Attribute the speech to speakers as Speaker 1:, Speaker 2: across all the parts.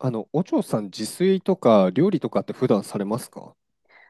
Speaker 1: お嬢さん、自炊とか料理とかって普段されますか？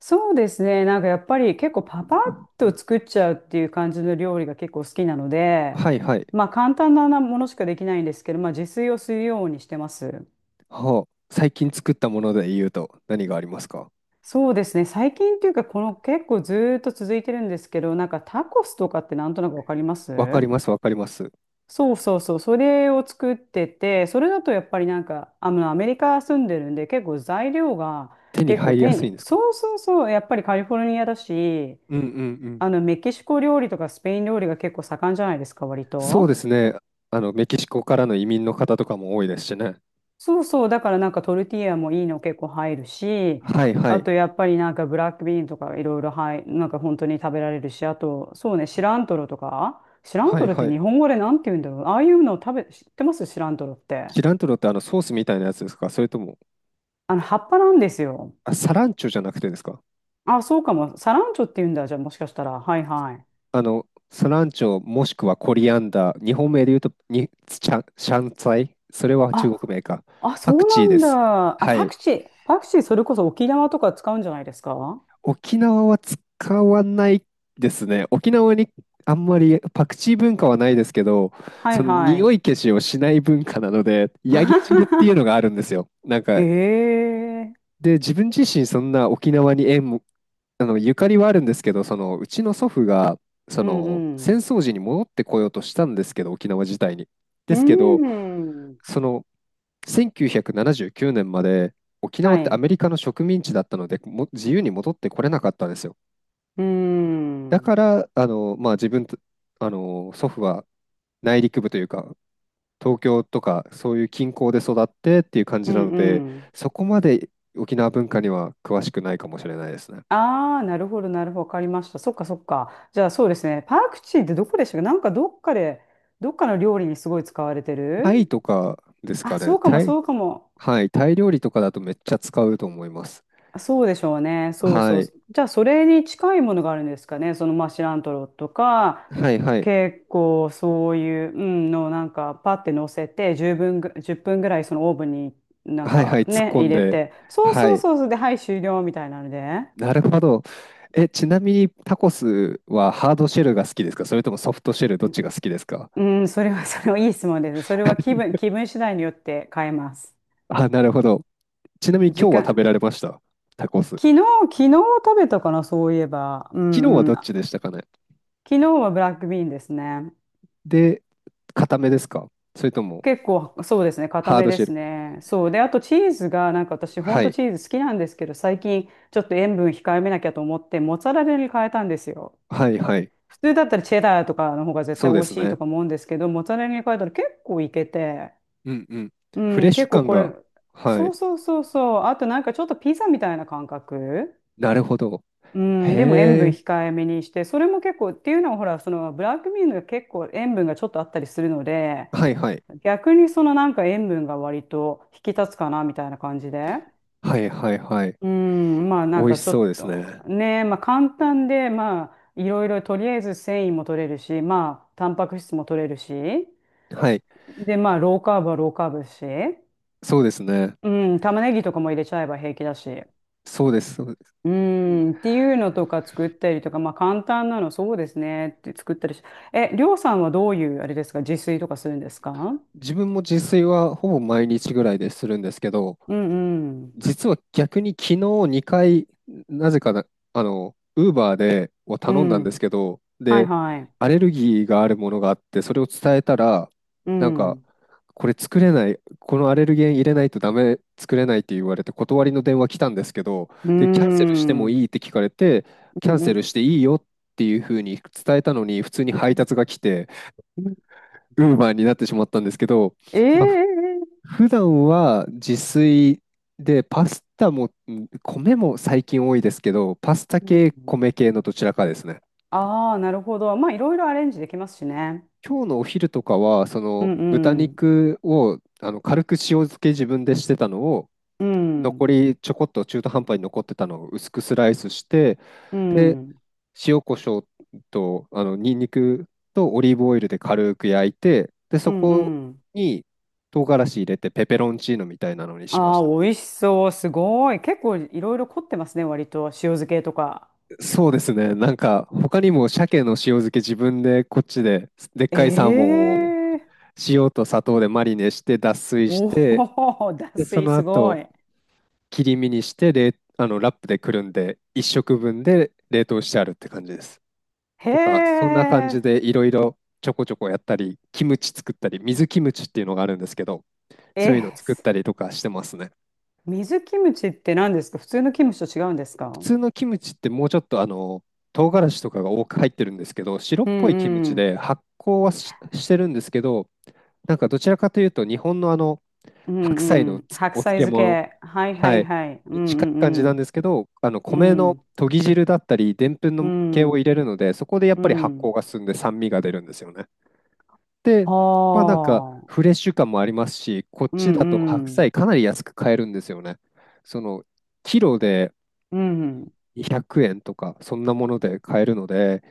Speaker 2: そうですね。なんかやっぱり結構パパッと作っちゃうっていう感じの料理が結構好きなので、
Speaker 1: はいはい。
Speaker 2: まあ簡単なものしかできないんですけど、まあ自炊をするようにしてます。
Speaker 1: はあ、最近作ったもので言うと何がありますか？
Speaker 2: そうですね。最近っていうか、この結構ずーっと続いてるんですけど、なんかタコスとかってなんとなくわかります？
Speaker 1: わかります、わかります。
Speaker 2: そうそうそう。それを作ってて、それだとやっぱりなんか、アメリカ住んでるんで、結構材料が
Speaker 1: 手に
Speaker 2: 結構
Speaker 1: 入りや
Speaker 2: 丁
Speaker 1: すい
Speaker 2: 寧。
Speaker 1: んですか？
Speaker 2: そうそうそう。やっぱりカリフォルニアだし、
Speaker 1: うんうんうん。
Speaker 2: メキシコ料理とかスペイン料理が結構盛んじゃないですか、割
Speaker 1: そうで
Speaker 2: と。
Speaker 1: すね。メキシコからの移民の方とかも多いですしね。
Speaker 2: そうそう、だからなんかトルティーヤもいいの結構入るし、
Speaker 1: はいは
Speaker 2: あ
Speaker 1: い。
Speaker 2: とやっぱりなんかブラックビーンとかいろいろなんか本当に食べられるし、あと、そうね、シラントロとか、シラン
Speaker 1: は
Speaker 2: ト
Speaker 1: い
Speaker 2: ロって
Speaker 1: はい。
Speaker 2: 日本語でなんて言うんだろう。ああいうのを知ってますシラントロって？
Speaker 1: シラントロってソースみたいなやつですか、それとも？
Speaker 2: 葉っぱなんですよ。
Speaker 1: あ、サランチョじゃなくてですか？
Speaker 2: あ、そうかも。サランチョって言うんだ、じゃあもしかしたら。はいはい。
Speaker 1: スランチョもしくはコリアンダー、日本名で言うとにシャン、シャンツァイ、それは中
Speaker 2: あ、
Speaker 1: 国名か。
Speaker 2: あ、
Speaker 1: パク
Speaker 2: そう
Speaker 1: チ
Speaker 2: な
Speaker 1: ーで
Speaker 2: ん
Speaker 1: す。
Speaker 2: だ。あ、
Speaker 1: は
Speaker 2: パク
Speaker 1: い。
Speaker 2: チー。パクチーそれこそ沖縄とか使うんじゃないですか？
Speaker 1: 沖縄は使わないですね。沖縄にあんまりパクチー文化はないですけど、
Speaker 2: は
Speaker 1: そ
Speaker 2: い
Speaker 1: の
Speaker 2: は
Speaker 1: 匂
Speaker 2: い。
Speaker 1: い消しをしない文化なので、ヤギ汁っていうのがあ るんですよ。
Speaker 2: へえ。
Speaker 1: で、自分自身そんな沖縄に縁もゆかりはあるんですけど、その、うちの祖父が、そ
Speaker 2: うん
Speaker 1: の、
Speaker 2: う
Speaker 1: 戦
Speaker 2: ん。
Speaker 1: 争時に戻ってこようとしたんですけど、沖縄自体に。
Speaker 2: う
Speaker 1: で
Speaker 2: ー
Speaker 1: すけど、
Speaker 2: ん。
Speaker 1: その、1979年まで、沖縄
Speaker 2: は
Speaker 1: って
Speaker 2: い。
Speaker 1: ア
Speaker 2: う
Speaker 1: メリカの植民地だったので、も自由に戻ってこれなかったんですよ。
Speaker 2: ーん。う
Speaker 1: だ
Speaker 2: ん
Speaker 1: から、まあ、自分と、祖父は内陸部というか、東京とか、そういう近郊で育ってっていう感
Speaker 2: う
Speaker 1: じなので、
Speaker 2: ん。
Speaker 1: そこまで沖縄文化には詳しくないかもしれないですね。
Speaker 2: ああ、なるほど、なるほど。わかりました。そっか、そっか。じゃあ、そうですね。パクチーってどこでしたっけ？なんかどっかで、どっかの料理にすごい使われて
Speaker 1: タイ
Speaker 2: る。
Speaker 1: とかですか
Speaker 2: あ、
Speaker 1: ね。
Speaker 2: そうか
Speaker 1: タ
Speaker 2: も、
Speaker 1: イ、
Speaker 2: そうかも。
Speaker 1: はい。タイ料理とかだとめっちゃ使うと思います。
Speaker 2: あそうでしょうね。そう
Speaker 1: は
Speaker 2: そう。
Speaker 1: い。
Speaker 2: じゃあ、それに近いものがあるんですかね。その、まあ、シラントロとか、
Speaker 1: はいはい。
Speaker 2: 結構そういう、うん、の、なんか、パって乗せて、10分ぐ、1分ぐらい、そのオーブンに、なん
Speaker 1: はいは
Speaker 2: か
Speaker 1: い。突っ
Speaker 2: ね、
Speaker 1: 込
Speaker 2: 入
Speaker 1: ん
Speaker 2: れ
Speaker 1: で。
Speaker 2: て、そう
Speaker 1: は
Speaker 2: そう
Speaker 1: い。
Speaker 2: そうそう、で、はい、終了みたいなので。
Speaker 1: なるほど。え、ちなみにタコスはハードシェルが好きですか、それともソフトシェルどっちが好きですか？
Speaker 2: うん、それはいい質問ですね。それは気分、気分次第によって変えます。
Speaker 1: あ、なるほど。ちなみに
Speaker 2: 時
Speaker 1: 今日は食べ
Speaker 2: 間。
Speaker 1: られました？タコス。
Speaker 2: 昨日、昨日食べたかな、そういえば。う
Speaker 1: 昨日は
Speaker 2: んう
Speaker 1: ど
Speaker 2: ん。
Speaker 1: っ
Speaker 2: 昨
Speaker 1: ちでしたかね？
Speaker 2: 日はブラックビーンですね。
Speaker 1: で、固めですか、それとも
Speaker 2: 結構、そうですね、固
Speaker 1: ハー
Speaker 2: め
Speaker 1: ド
Speaker 2: で
Speaker 1: シェ
Speaker 2: す
Speaker 1: ル。
Speaker 2: ね。そう。で、あとチーズが、なんか私、ほん
Speaker 1: は
Speaker 2: と
Speaker 1: い。
Speaker 2: チーズ好きなんですけど、最近、ちょっと塩分控えめなきゃと思って、モッツァレラに変えたんですよ。
Speaker 1: はいはい。
Speaker 2: 普通だったらチェダーとかの方が絶
Speaker 1: そ
Speaker 2: 対
Speaker 1: う
Speaker 2: 美
Speaker 1: で
Speaker 2: 味
Speaker 1: す
Speaker 2: しい
Speaker 1: ね。
Speaker 2: とか思うんですけど、モッツァレラに変えたら結構いけて、
Speaker 1: うんうん。
Speaker 2: う
Speaker 1: フレッ
Speaker 2: ん、
Speaker 1: シュ
Speaker 2: 結構
Speaker 1: 感
Speaker 2: こ
Speaker 1: が。
Speaker 2: れ、
Speaker 1: は
Speaker 2: そ
Speaker 1: い。
Speaker 2: うそうそうそう。あとなんかちょっとピザみたいな感覚。
Speaker 1: なるほど。
Speaker 2: うん、でも塩
Speaker 1: へ
Speaker 2: 分
Speaker 1: え。
Speaker 2: 控えめにして、それも結構、っていうのはほら、そのブラックミーノが結構塩分がちょっとあったりするので、
Speaker 1: はいはい。
Speaker 2: 逆にそのなんか塩分が割と引き立つかなみたいな感じで。
Speaker 1: はいはいはい。
Speaker 2: うん、まあ
Speaker 1: 美
Speaker 2: なん
Speaker 1: 味
Speaker 2: か
Speaker 1: し
Speaker 2: ちょ
Speaker 1: そう
Speaker 2: っ
Speaker 1: です
Speaker 2: と
Speaker 1: ね。
Speaker 2: ね、まあ簡単で、まあいろいろとりあえず繊維も取れるし、まあタンパク質も取れるし、
Speaker 1: はい。
Speaker 2: でまあローカーブはローカーブだし、
Speaker 1: そうですね。
Speaker 2: うん、玉ねぎとかも入れちゃえば平気だし、
Speaker 1: そうです。そうです。
Speaker 2: う
Speaker 1: うん、
Speaker 2: ん、っていうのとか作ったりとか、まあ簡単なのそうですねって作ったりし、え、りょうさんはどういうあれですか、自炊とかするんですか？
Speaker 1: 自分も自炊はほぼ毎日ぐらいでするんですけど、
Speaker 2: うんうん、
Speaker 1: 実は逆に昨日2回、なぜかな、ウーバーでを
Speaker 2: う
Speaker 1: 頼んだんで
Speaker 2: ん、
Speaker 1: すけど、
Speaker 2: はい
Speaker 1: で、
Speaker 2: はい、
Speaker 1: アレルギーがあるものがあって、それを伝えたら、
Speaker 2: う
Speaker 1: なんか、
Speaker 2: ん。
Speaker 1: これ作れない、このアレルゲン入れないとダメ、作れないって言われて断りの電話来たんですけど、
Speaker 2: うーん。
Speaker 1: で、キャンセルして
Speaker 2: う
Speaker 1: もい
Speaker 2: ん
Speaker 1: いって聞かれて、キ
Speaker 2: う
Speaker 1: ャンセ
Speaker 2: ん
Speaker 1: ルしていいよっていうふうに伝えたのに、普通に
Speaker 2: う
Speaker 1: 配
Speaker 2: ん。
Speaker 1: 達が来て、ウーバーになってしまったんですけど、まあ、
Speaker 2: ええ。
Speaker 1: 普段は自炊で、パスタも、ん米も最近多いですけど、パスタ
Speaker 2: うん。
Speaker 1: 系、米系のどちらかですね。
Speaker 2: ああ、なるほど。まあ、いろいろアレンジできますしね。
Speaker 1: 今日のお昼とかは、そ
Speaker 2: う
Speaker 1: の
Speaker 2: ん
Speaker 1: 豚
Speaker 2: うん。
Speaker 1: 肉を軽く塩漬け自分でしてたのを、
Speaker 2: う
Speaker 1: 残
Speaker 2: ん。
Speaker 1: りちょこっと中途半端に残ってたのを薄くスライスして、
Speaker 2: う
Speaker 1: で、
Speaker 2: ん。
Speaker 1: 塩コショウと、ニンニクとオリーブオイルで軽く焼いて、で、
Speaker 2: う
Speaker 1: そ
Speaker 2: ん
Speaker 1: こ
Speaker 2: うん。
Speaker 1: に唐辛子入れてペペロンチーノみたいなのにしま
Speaker 2: あ
Speaker 1: し
Speaker 2: あ、
Speaker 1: た。
Speaker 2: 美味しそう。すごい。結構いろいろ凝ってますね、割と。塩漬けとか。
Speaker 1: そうですね。なんか、他にも鮭の塩漬け自分でこっちで、でっかいサーモ
Speaker 2: え
Speaker 1: ンを
Speaker 2: え。
Speaker 1: 塩と砂糖でマリネして脱水し
Speaker 2: お
Speaker 1: て、
Speaker 2: お、脱
Speaker 1: で、そ
Speaker 2: 水
Speaker 1: の
Speaker 2: すご
Speaker 1: 後、
Speaker 2: い。
Speaker 1: 切り身にして、ラップでくるんで、一食分で冷凍してあるって感じです。
Speaker 2: へ
Speaker 1: とか、そんな感じ
Speaker 2: え。
Speaker 1: でいろいろちょこちょこやったり、キムチ作ったり、水キムチっていうのがあるんですけど、そ
Speaker 2: え
Speaker 1: ういうの
Speaker 2: ー、
Speaker 1: 作っ
Speaker 2: す
Speaker 1: たりとかしてますね。
Speaker 2: 水キムチって何ですか？普通のキムチと違うんです
Speaker 1: 普
Speaker 2: か？
Speaker 1: 通のキムチってもうちょっと唐辛子とかが多く入ってるんですけど、白っ
Speaker 2: う
Speaker 1: ぽいキム
Speaker 2: ん
Speaker 1: チ
Speaker 2: うん。
Speaker 1: で発酵はし、してるんですけど、なんかどちらかというと日本の
Speaker 2: う
Speaker 1: 白菜
Speaker 2: んう
Speaker 1: の
Speaker 2: ん。
Speaker 1: つ
Speaker 2: 白
Speaker 1: お
Speaker 2: 菜
Speaker 1: 漬
Speaker 2: 漬
Speaker 1: 物、
Speaker 2: け。はいは
Speaker 1: は
Speaker 2: い
Speaker 1: い、
Speaker 2: はい。うん
Speaker 1: に近い感じ
Speaker 2: う
Speaker 1: なんで
Speaker 2: ん
Speaker 1: すけど、あの
Speaker 2: う
Speaker 1: 米の
Speaker 2: ん。
Speaker 1: 研ぎ汁だったり、でんぷん
Speaker 2: う
Speaker 1: の系を入れ
Speaker 2: ん。
Speaker 1: るので、そこでやっ
Speaker 2: う
Speaker 1: ぱり発酵
Speaker 2: ん。
Speaker 1: が進んで酸味が出るんですよね。で、
Speaker 2: あ
Speaker 1: まあなんかフ
Speaker 2: あ。
Speaker 1: レッシュ感もありますし、こっ
Speaker 2: う
Speaker 1: ち
Speaker 2: ん
Speaker 1: だと白
Speaker 2: うん。
Speaker 1: 菜かなり安く買えるんですよね。そのキロで
Speaker 2: うん。
Speaker 1: 200円とか、そんなもので買えるので、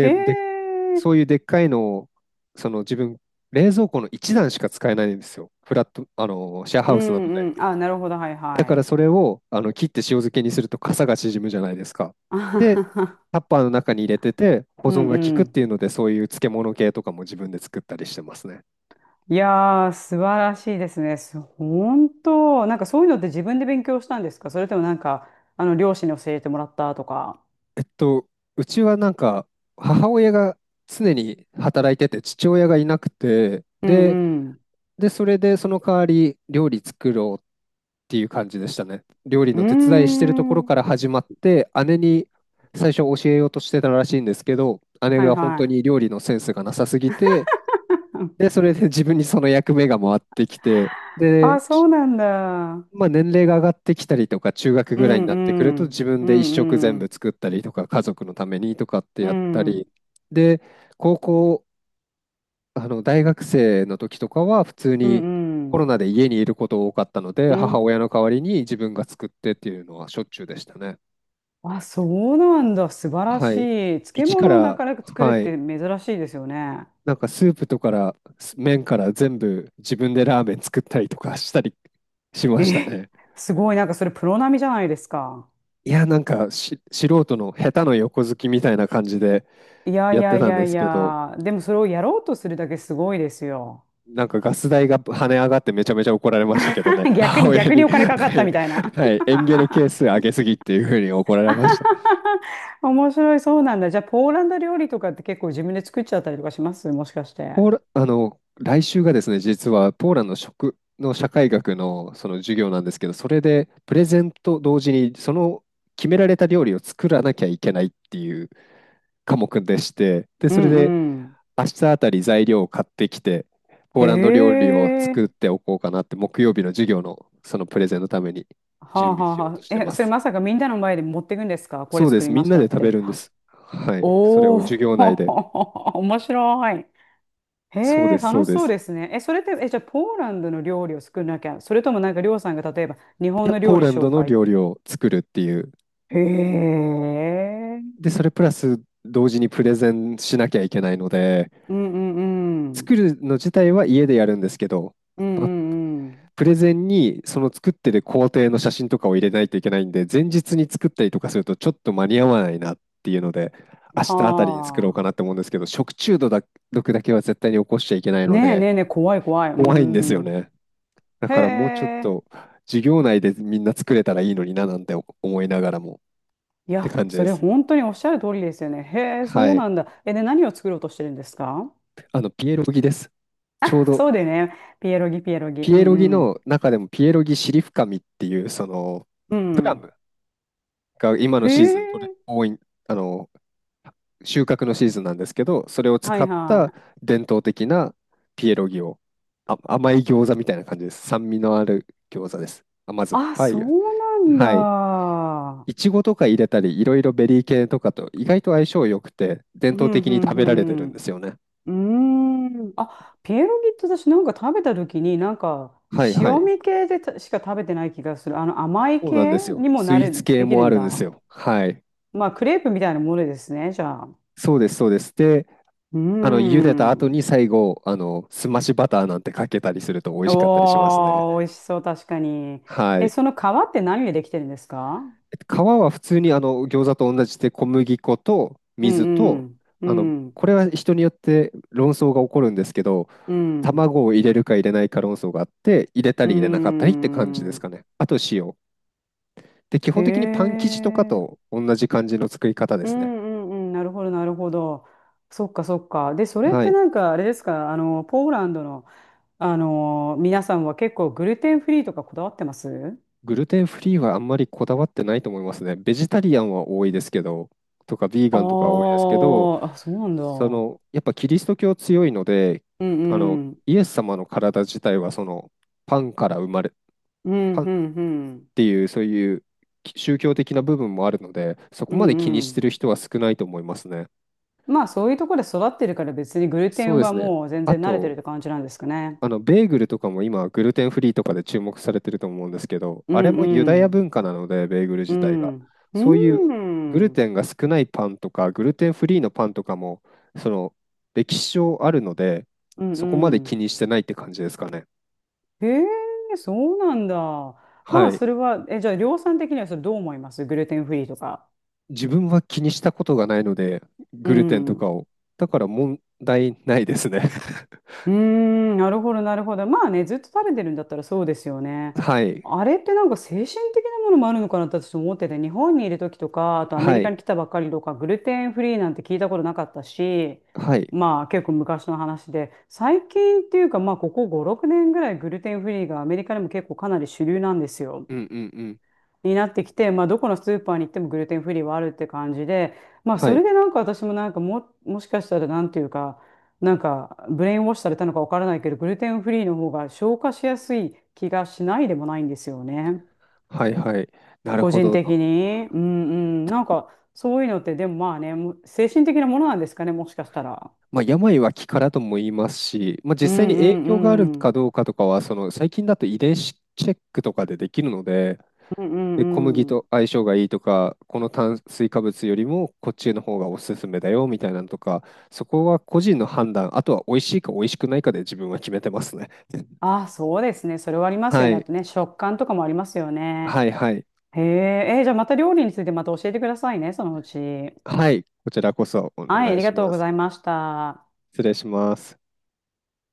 Speaker 2: へ
Speaker 1: で、
Speaker 2: え。
Speaker 1: そういうでっかいのを、その自分、冷蔵庫の一段しか使えないんですよ。フラット、シェア
Speaker 2: う
Speaker 1: ハウスなの
Speaker 2: ん
Speaker 1: で。
Speaker 2: うん。あ、なるほど。はい
Speaker 1: だ
Speaker 2: は
Speaker 1: から
Speaker 2: い。
Speaker 1: それをあの切って塩漬けにすると傘が縮むじゃないですか。
Speaker 2: あは
Speaker 1: で、
Speaker 2: はは
Speaker 1: タッパーの中に入れてて、保
Speaker 2: う
Speaker 1: 存
Speaker 2: ん
Speaker 1: が効
Speaker 2: う
Speaker 1: くっ
Speaker 2: ん。
Speaker 1: ていうので、そういう漬物系とかも自分で作ったりしてますね。
Speaker 2: いやー、素晴らしいですね。本当、なんかそういうのって自分で勉強したんですか？それともなんか、両親に教えてもらったとか。
Speaker 1: えっと、うちはなんか母親が常に働いてて父親がいなくて
Speaker 2: うん
Speaker 1: で、
Speaker 2: うん。
Speaker 1: でそれでその代わり料理作ろうっていう感じでしたね。料理
Speaker 2: うー
Speaker 1: の手伝いしてるところか
Speaker 2: ん。
Speaker 1: ら始まって姉に最初教えようとしてたらしいんですけど、姉
Speaker 2: はい
Speaker 1: が本
Speaker 2: は
Speaker 1: 当
Speaker 2: い。
Speaker 1: に料理のセンスがなさすぎて、でそれで自分にその役目が回ってきて、
Speaker 2: あ、
Speaker 1: で
Speaker 2: そうなんだ。
Speaker 1: まあ、年齢が上がってきたりとか、中学
Speaker 2: う
Speaker 1: ぐらいに
Speaker 2: ん
Speaker 1: なってくる
Speaker 2: う
Speaker 1: と、
Speaker 2: ん。
Speaker 1: 自分
Speaker 2: う
Speaker 1: で一食
Speaker 2: んう
Speaker 1: 全部
Speaker 2: ん。
Speaker 1: 作ったりとか、家族のためにとかって
Speaker 2: う
Speaker 1: やったり、
Speaker 2: ん。
Speaker 1: で、高校、大学生の時とかは、普通
Speaker 2: う
Speaker 1: に
Speaker 2: んう
Speaker 1: コ
Speaker 2: ん。
Speaker 1: ロナで家にいること多かったので、
Speaker 2: うん。
Speaker 1: 母親の代わりに自分が作ってっていうのはしょっちゅうでしたね。
Speaker 2: あ、そうなんだ。素晴ら
Speaker 1: は
Speaker 2: し
Speaker 1: い。
Speaker 2: い。漬
Speaker 1: 一か
Speaker 2: 物をな
Speaker 1: ら、
Speaker 2: かなか作るっ
Speaker 1: はい。
Speaker 2: て珍しいですよね。
Speaker 1: スープとか麺から全部自分でラーメン作ったりとかしたりしました
Speaker 2: え、
Speaker 1: ね。
Speaker 2: すごい。なんかそれプロ並みじゃないですか？
Speaker 1: いや、なんか素人の下手の横好きみたいな感じで
Speaker 2: いやい
Speaker 1: やっ
Speaker 2: や
Speaker 1: て
Speaker 2: い
Speaker 1: たん
Speaker 2: や
Speaker 1: で
Speaker 2: い
Speaker 1: すけど、
Speaker 2: や。でもそれをやろうとするだけすごいですよ。
Speaker 1: なんかガス代が跳ね上がってめちゃめちゃ怒られましたけどね、母親
Speaker 2: 逆
Speaker 1: に、
Speaker 2: にお金かかっ
Speaker 1: は
Speaker 2: た
Speaker 1: い、
Speaker 2: みたいな。
Speaker 1: は い、エンゲル係数上げすぎっていうふうに怒られました。
Speaker 2: 面白い。そうなんだ。じゃあポーランド料理とかって結構自分で作っちゃったりとかします？もしかして。
Speaker 1: ポーラ、あの、来週がですね、実はポーランド食の社会学のその授業なんですけど、それでプレゼンと同時にその決められた料理を作らなきゃいけないっていう科目でして、で、
Speaker 2: うん
Speaker 1: それで
Speaker 2: うん。
Speaker 1: 明日あたり材料を買ってきて、ポ
Speaker 2: へ
Speaker 1: ーランド料理を作
Speaker 2: え。
Speaker 1: っておこうかなって、木曜日の授業のそのプレゼンのために
Speaker 2: は
Speaker 1: 準
Speaker 2: あ
Speaker 1: 備
Speaker 2: はあ
Speaker 1: しよ
Speaker 2: は
Speaker 1: うとして
Speaker 2: あ。え、
Speaker 1: ま
Speaker 2: それ
Speaker 1: す。
Speaker 2: まさかみんなの前で持っていくんですか？これ
Speaker 1: そうで
Speaker 2: 作
Speaker 1: す。
Speaker 2: り
Speaker 1: み
Speaker 2: ま
Speaker 1: ん
Speaker 2: し
Speaker 1: な
Speaker 2: た
Speaker 1: で
Speaker 2: っ
Speaker 1: 食べ
Speaker 2: て。
Speaker 1: るんです。はい。それ
Speaker 2: お
Speaker 1: を
Speaker 2: お、
Speaker 1: 授業内で。
Speaker 2: 面白い。へ
Speaker 1: そうで
Speaker 2: え、
Speaker 1: す、そ
Speaker 2: 楽
Speaker 1: う
Speaker 2: し
Speaker 1: で
Speaker 2: そう
Speaker 1: す。
Speaker 2: ですね。え、それって、え、じゃあポーランドの料理を作んなきゃ、それともなんかりょうさんが例えば日
Speaker 1: い
Speaker 2: 本
Speaker 1: や、
Speaker 2: の
Speaker 1: ポ
Speaker 2: 料
Speaker 1: ー
Speaker 2: 理
Speaker 1: ラン
Speaker 2: 紹
Speaker 1: ドの
Speaker 2: 介。
Speaker 1: 料理を作るっていう。
Speaker 2: へえ。
Speaker 1: で、それプラス同時にプレゼンしなきゃいけないので、
Speaker 2: うんうんう
Speaker 1: 作
Speaker 2: ん。
Speaker 1: るの自体は家でやるんですけど、
Speaker 2: うんう
Speaker 1: まあ
Speaker 2: んうん。
Speaker 1: プレゼンにその作ってる工程の写真とかを入れないといけないんで、前日に作ったりとかするとちょっと間に合わないなっていうので、明日あたりに作ろう
Speaker 2: は
Speaker 1: かなって思うんですけど、食中毒だけは絶対に起こしちゃいけない
Speaker 2: あ。
Speaker 1: の
Speaker 2: ねえね
Speaker 1: で、
Speaker 2: えねえ、怖い怖い。う
Speaker 1: 怖いんです
Speaker 2: ん
Speaker 1: よ
Speaker 2: うん。
Speaker 1: ね。だ
Speaker 2: へ
Speaker 1: からもうちょっ
Speaker 2: え。
Speaker 1: と授業内でみんな作れたらいいのにななんて思いながらも
Speaker 2: い
Speaker 1: って
Speaker 2: や、
Speaker 1: 感じ
Speaker 2: そ
Speaker 1: で
Speaker 2: れ
Speaker 1: す。
Speaker 2: 本当におっしゃる通りですよね。へえ、そ
Speaker 1: は
Speaker 2: う
Speaker 1: い。
Speaker 2: なんだ。え、で、何を作ろうとしてるんですか？
Speaker 1: ピエロギです。ちょうど
Speaker 2: そうでね、ピエロギ、ピエロギ。
Speaker 1: ピ
Speaker 2: う
Speaker 1: エロギ
Speaker 2: ん
Speaker 1: の中でもピエロギシリフカミっていう、その、
Speaker 2: うん。
Speaker 1: プ
Speaker 2: う
Speaker 1: ラ
Speaker 2: ん。
Speaker 1: ムが今の
Speaker 2: え
Speaker 1: シーズンとれ
Speaker 2: え、
Speaker 1: 多い、あの、収穫のシーズンなんですけど、それを使
Speaker 2: はい
Speaker 1: った
Speaker 2: はい。
Speaker 1: 伝統的なピエロギを、あ、甘い餃子みたいな感じです。酸味のある餃子です。甘酸っ
Speaker 2: あ、
Speaker 1: ぱ
Speaker 2: そ
Speaker 1: い。
Speaker 2: うなん
Speaker 1: はい。
Speaker 2: だ。
Speaker 1: いちごとか入れたり、いろいろベリー系とかと意外と相性良くて、伝
Speaker 2: う
Speaker 1: 統
Speaker 2: ん、
Speaker 1: 的
Speaker 2: う
Speaker 1: に食べられてるん
Speaker 2: ん、
Speaker 1: ですよね。
Speaker 2: うん。うーん。あ、ピエロギって私なんか食べた時に、なんか、
Speaker 1: はいは
Speaker 2: 塩
Speaker 1: い。
Speaker 2: 味系でたしか食べてない気がする。甘い
Speaker 1: そうなん
Speaker 2: 系
Speaker 1: ですよ。
Speaker 2: にも
Speaker 1: スイーツ系
Speaker 2: でき
Speaker 1: も
Speaker 2: る
Speaker 1: あ
Speaker 2: ん
Speaker 1: るんです
Speaker 2: だ。
Speaker 1: よ。はい。
Speaker 2: まあ、クレープみたいなものですね、じゃあ。う
Speaker 1: そうです、そうです。で、
Speaker 2: ー
Speaker 1: 茹でた後
Speaker 2: ん。
Speaker 1: に最後、すましバターなんてかけたりすると美味しかったりしますね。
Speaker 2: おー、美味しそう、確かに。
Speaker 1: は
Speaker 2: え、
Speaker 1: い。
Speaker 2: その皮って何でできてるんですか？
Speaker 1: えっと皮は普通にあの餃子と同じで小麦粉と
Speaker 2: うん
Speaker 1: 水
Speaker 2: う
Speaker 1: と、
Speaker 2: ん、う
Speaker 1: あの
Speaker 2: ん、
Speaker 1: これは人によって論争が起こるんですけど、
Speaker 2: うん、
Speaker 1: 卵を入れるか入れないか論争があって入れた
Speaker 2: う
Speaker 1: り入れなかったりって感じです
Speaker 2: ん。
Speaker 1: かね。あと塩で、基
Speaker 2: へ
Speaker 1: 本的にパン生地とか
Speaker 2: え、
Speaker 1: と同じ感じの作り方で
Speaker 2: う
Speaker 1: すね。
Speaker 2: んうんうん、なるほど、なるほど。そっか、そっか。で、それっ
Speaker 1: は
Speaker 2: て
Speaker 1: い。
Speaker 2: なんか、あれですか、ポーランドの、皆さんは結構グルテンフリーとかこだわってます？
Speaker 1: グルテンフリーはあんまりこだわってないと思いますね。ベジタリアンは多いですけど、とかビー
Speaker 2: あ
Speaker 1: ガンとかは多いですけど、
Speaker 2: ーあ、そうなんだ。う
Speaker 1: そ
Speaker 2: ん
Speaker 1: の、やっぱキリスト教強いので、
Speaker 2: うん。
Speaker 1: イエス様の体自体はその、パンから生まれ、
Speaker 2: うん
Speaker 1: パンっ
Speaker 2: うんうん。
Speaker 1: ていう、そういう宗教的な部分もあるので、そこ
Speaker 2: う
Speaker 1: ま
Speaker 2: ん
Speaker 1: で気
Speaker 2: う
Speaker 1: にして
Speaker 2: ん。
Speaker 1: る人は少ないと思いますね。
Speaker 2: まあそういうところで育ってるから別にグルテ
Speaker 1: そう
Speaker 2: ン
Speaker 1: で
Speaker 2: は
Speaker 1: すね。
Speaker 2: もう全
Speaker 1: あ
Speaker 2: 然慣れてるっ
Speaker 1: と、
Speaker 2: て感じなんですかね。
Speaker 1: ベーグルとかも今、グルテンフリーとかで注目されてると思うんですけど、
Speaker 2: う
Speaker 1: あれ
Speaker 2: ん
Speaker 1: もユ
Speaker 2: う
Speaker 1: ダヤ
Speaker 2: ん。
Speaker 1: 文化なので、ベーグル
Speaker 2: う
Speaker 1: 自体が。
Speaker 2: ん。う
Speaker 1: そういう
Speaker 2: んう
Speaker 1: グルテ
Speaker 2: ん。
Speaker 1: ンが少ないパンとか、グルテンフリーのパンとかも、その、歴史上あるので、
Speaker 2: う
Speaker 1: そこまで気
Speaker 2: ん。
Speaker 1: にしてないって感じですかね。
Speaker 2: へえ、そうなんだ。ま
Speaker 1: は
Speaker 2: あ
Speaker 1: い。
Speaker 2: それは、え、じゃあ量産的にはそれどう思います？グルテンフリーとか。
Speaker 1: 自分は気にしたことがないので、
Speaker 2: う
Speaker 1: グルテンとか
Speaker 2: ん。
Speaker 1: を。だから問題ないですね。
Speaker 2: うーん、なるほど、なるほど。まあね、ずっと食べてるんだったらそうですよね。
Speaker 1: はい。
Speaker 2: あれってなんか精神的なものもあるのかなって私思ってて、日本にいる時とか、あとアメ
Speaker 1: は
Speaker 2: リカ
Speaker 1: い。
Speaker 2: に来たばっかりとか、グルテンフリーなんて聞いたことなかったし、
Speaker 1: はい。
Speaker 2: まあ結構昔の話で、最近っていうかまあここ5、6年ぐらいグルテンフリーがアメリカでも結構かなり主流なんですよ。
Speaker 1: うんうんうん。
Speaker 2: になってきて、まあ、どこのスーパーに行ってもグルテンフリーはあるって感じで、まあ、
Speaker 1: は
Speaker 2: そ
Speaker 1: い。
Speaker 2: れでなんか私もなんかも、もしかしたらなんていうか、なんかブレインウォッシュされたのかわからないけど、グルテンフリーの方が消化しやすい気がしないでもないんですよね。
Speaker 1: はいはい。なる
Speaker 2: 個
Speaker 1: ほ
Speaker 2: 人
Speaker 1: ど。
Speaker 2: 的に。うんうん。なんかそういうのってでもまあね、もう精神的なものなんですかね、もしかしたら。
Speaker 1: まあ、病は気からとも言いますし、まあ、
Speaker 2: う
Speaker 1: 実際に
Speaker 2: んう
Speaker 1: 影響がある
Speaker 2: んう
Speaker 1: か
Speaker 2: ん。
Speaker 1: どうかとかは、その最近だと遺伝子チェックとかでできるので、
Speaker 2: うんう
Speaker 1: で、小麦
Speaker 2: んう
Speaker 1: と
Speaker 2: ん。
Speaker 1: 相性がいいとか、この炭水化物よりもこっちの方がおすすめだよみたいなのとか、そこは個人の判断、あとは美味しいか美味しくないかで自分は決めてますね。
Speaker 2: ああ、そうですね。それはありますよ
Speaker 1: は
Speaker 2: ね。あ
Speaker 1: い、
Speaker 2: とね、食感とかもありますよね。
Speaker 1: はい、はい、
Speaker 2: へえ、えーじゃあまた料理についてまた教えてくださいね、そのうち。は
Speaker 1: はい、こちらこそお
Speaker 2: い、あ
Speaker 1: 願い
Speaker 2: りが
Speaker 1: し
Speaker 2: とう
Speaker 1: ま
Speaker 2: ご
Speaker 1: す。
Speaker 2: ざいました。
Speaker 1: 失礼します。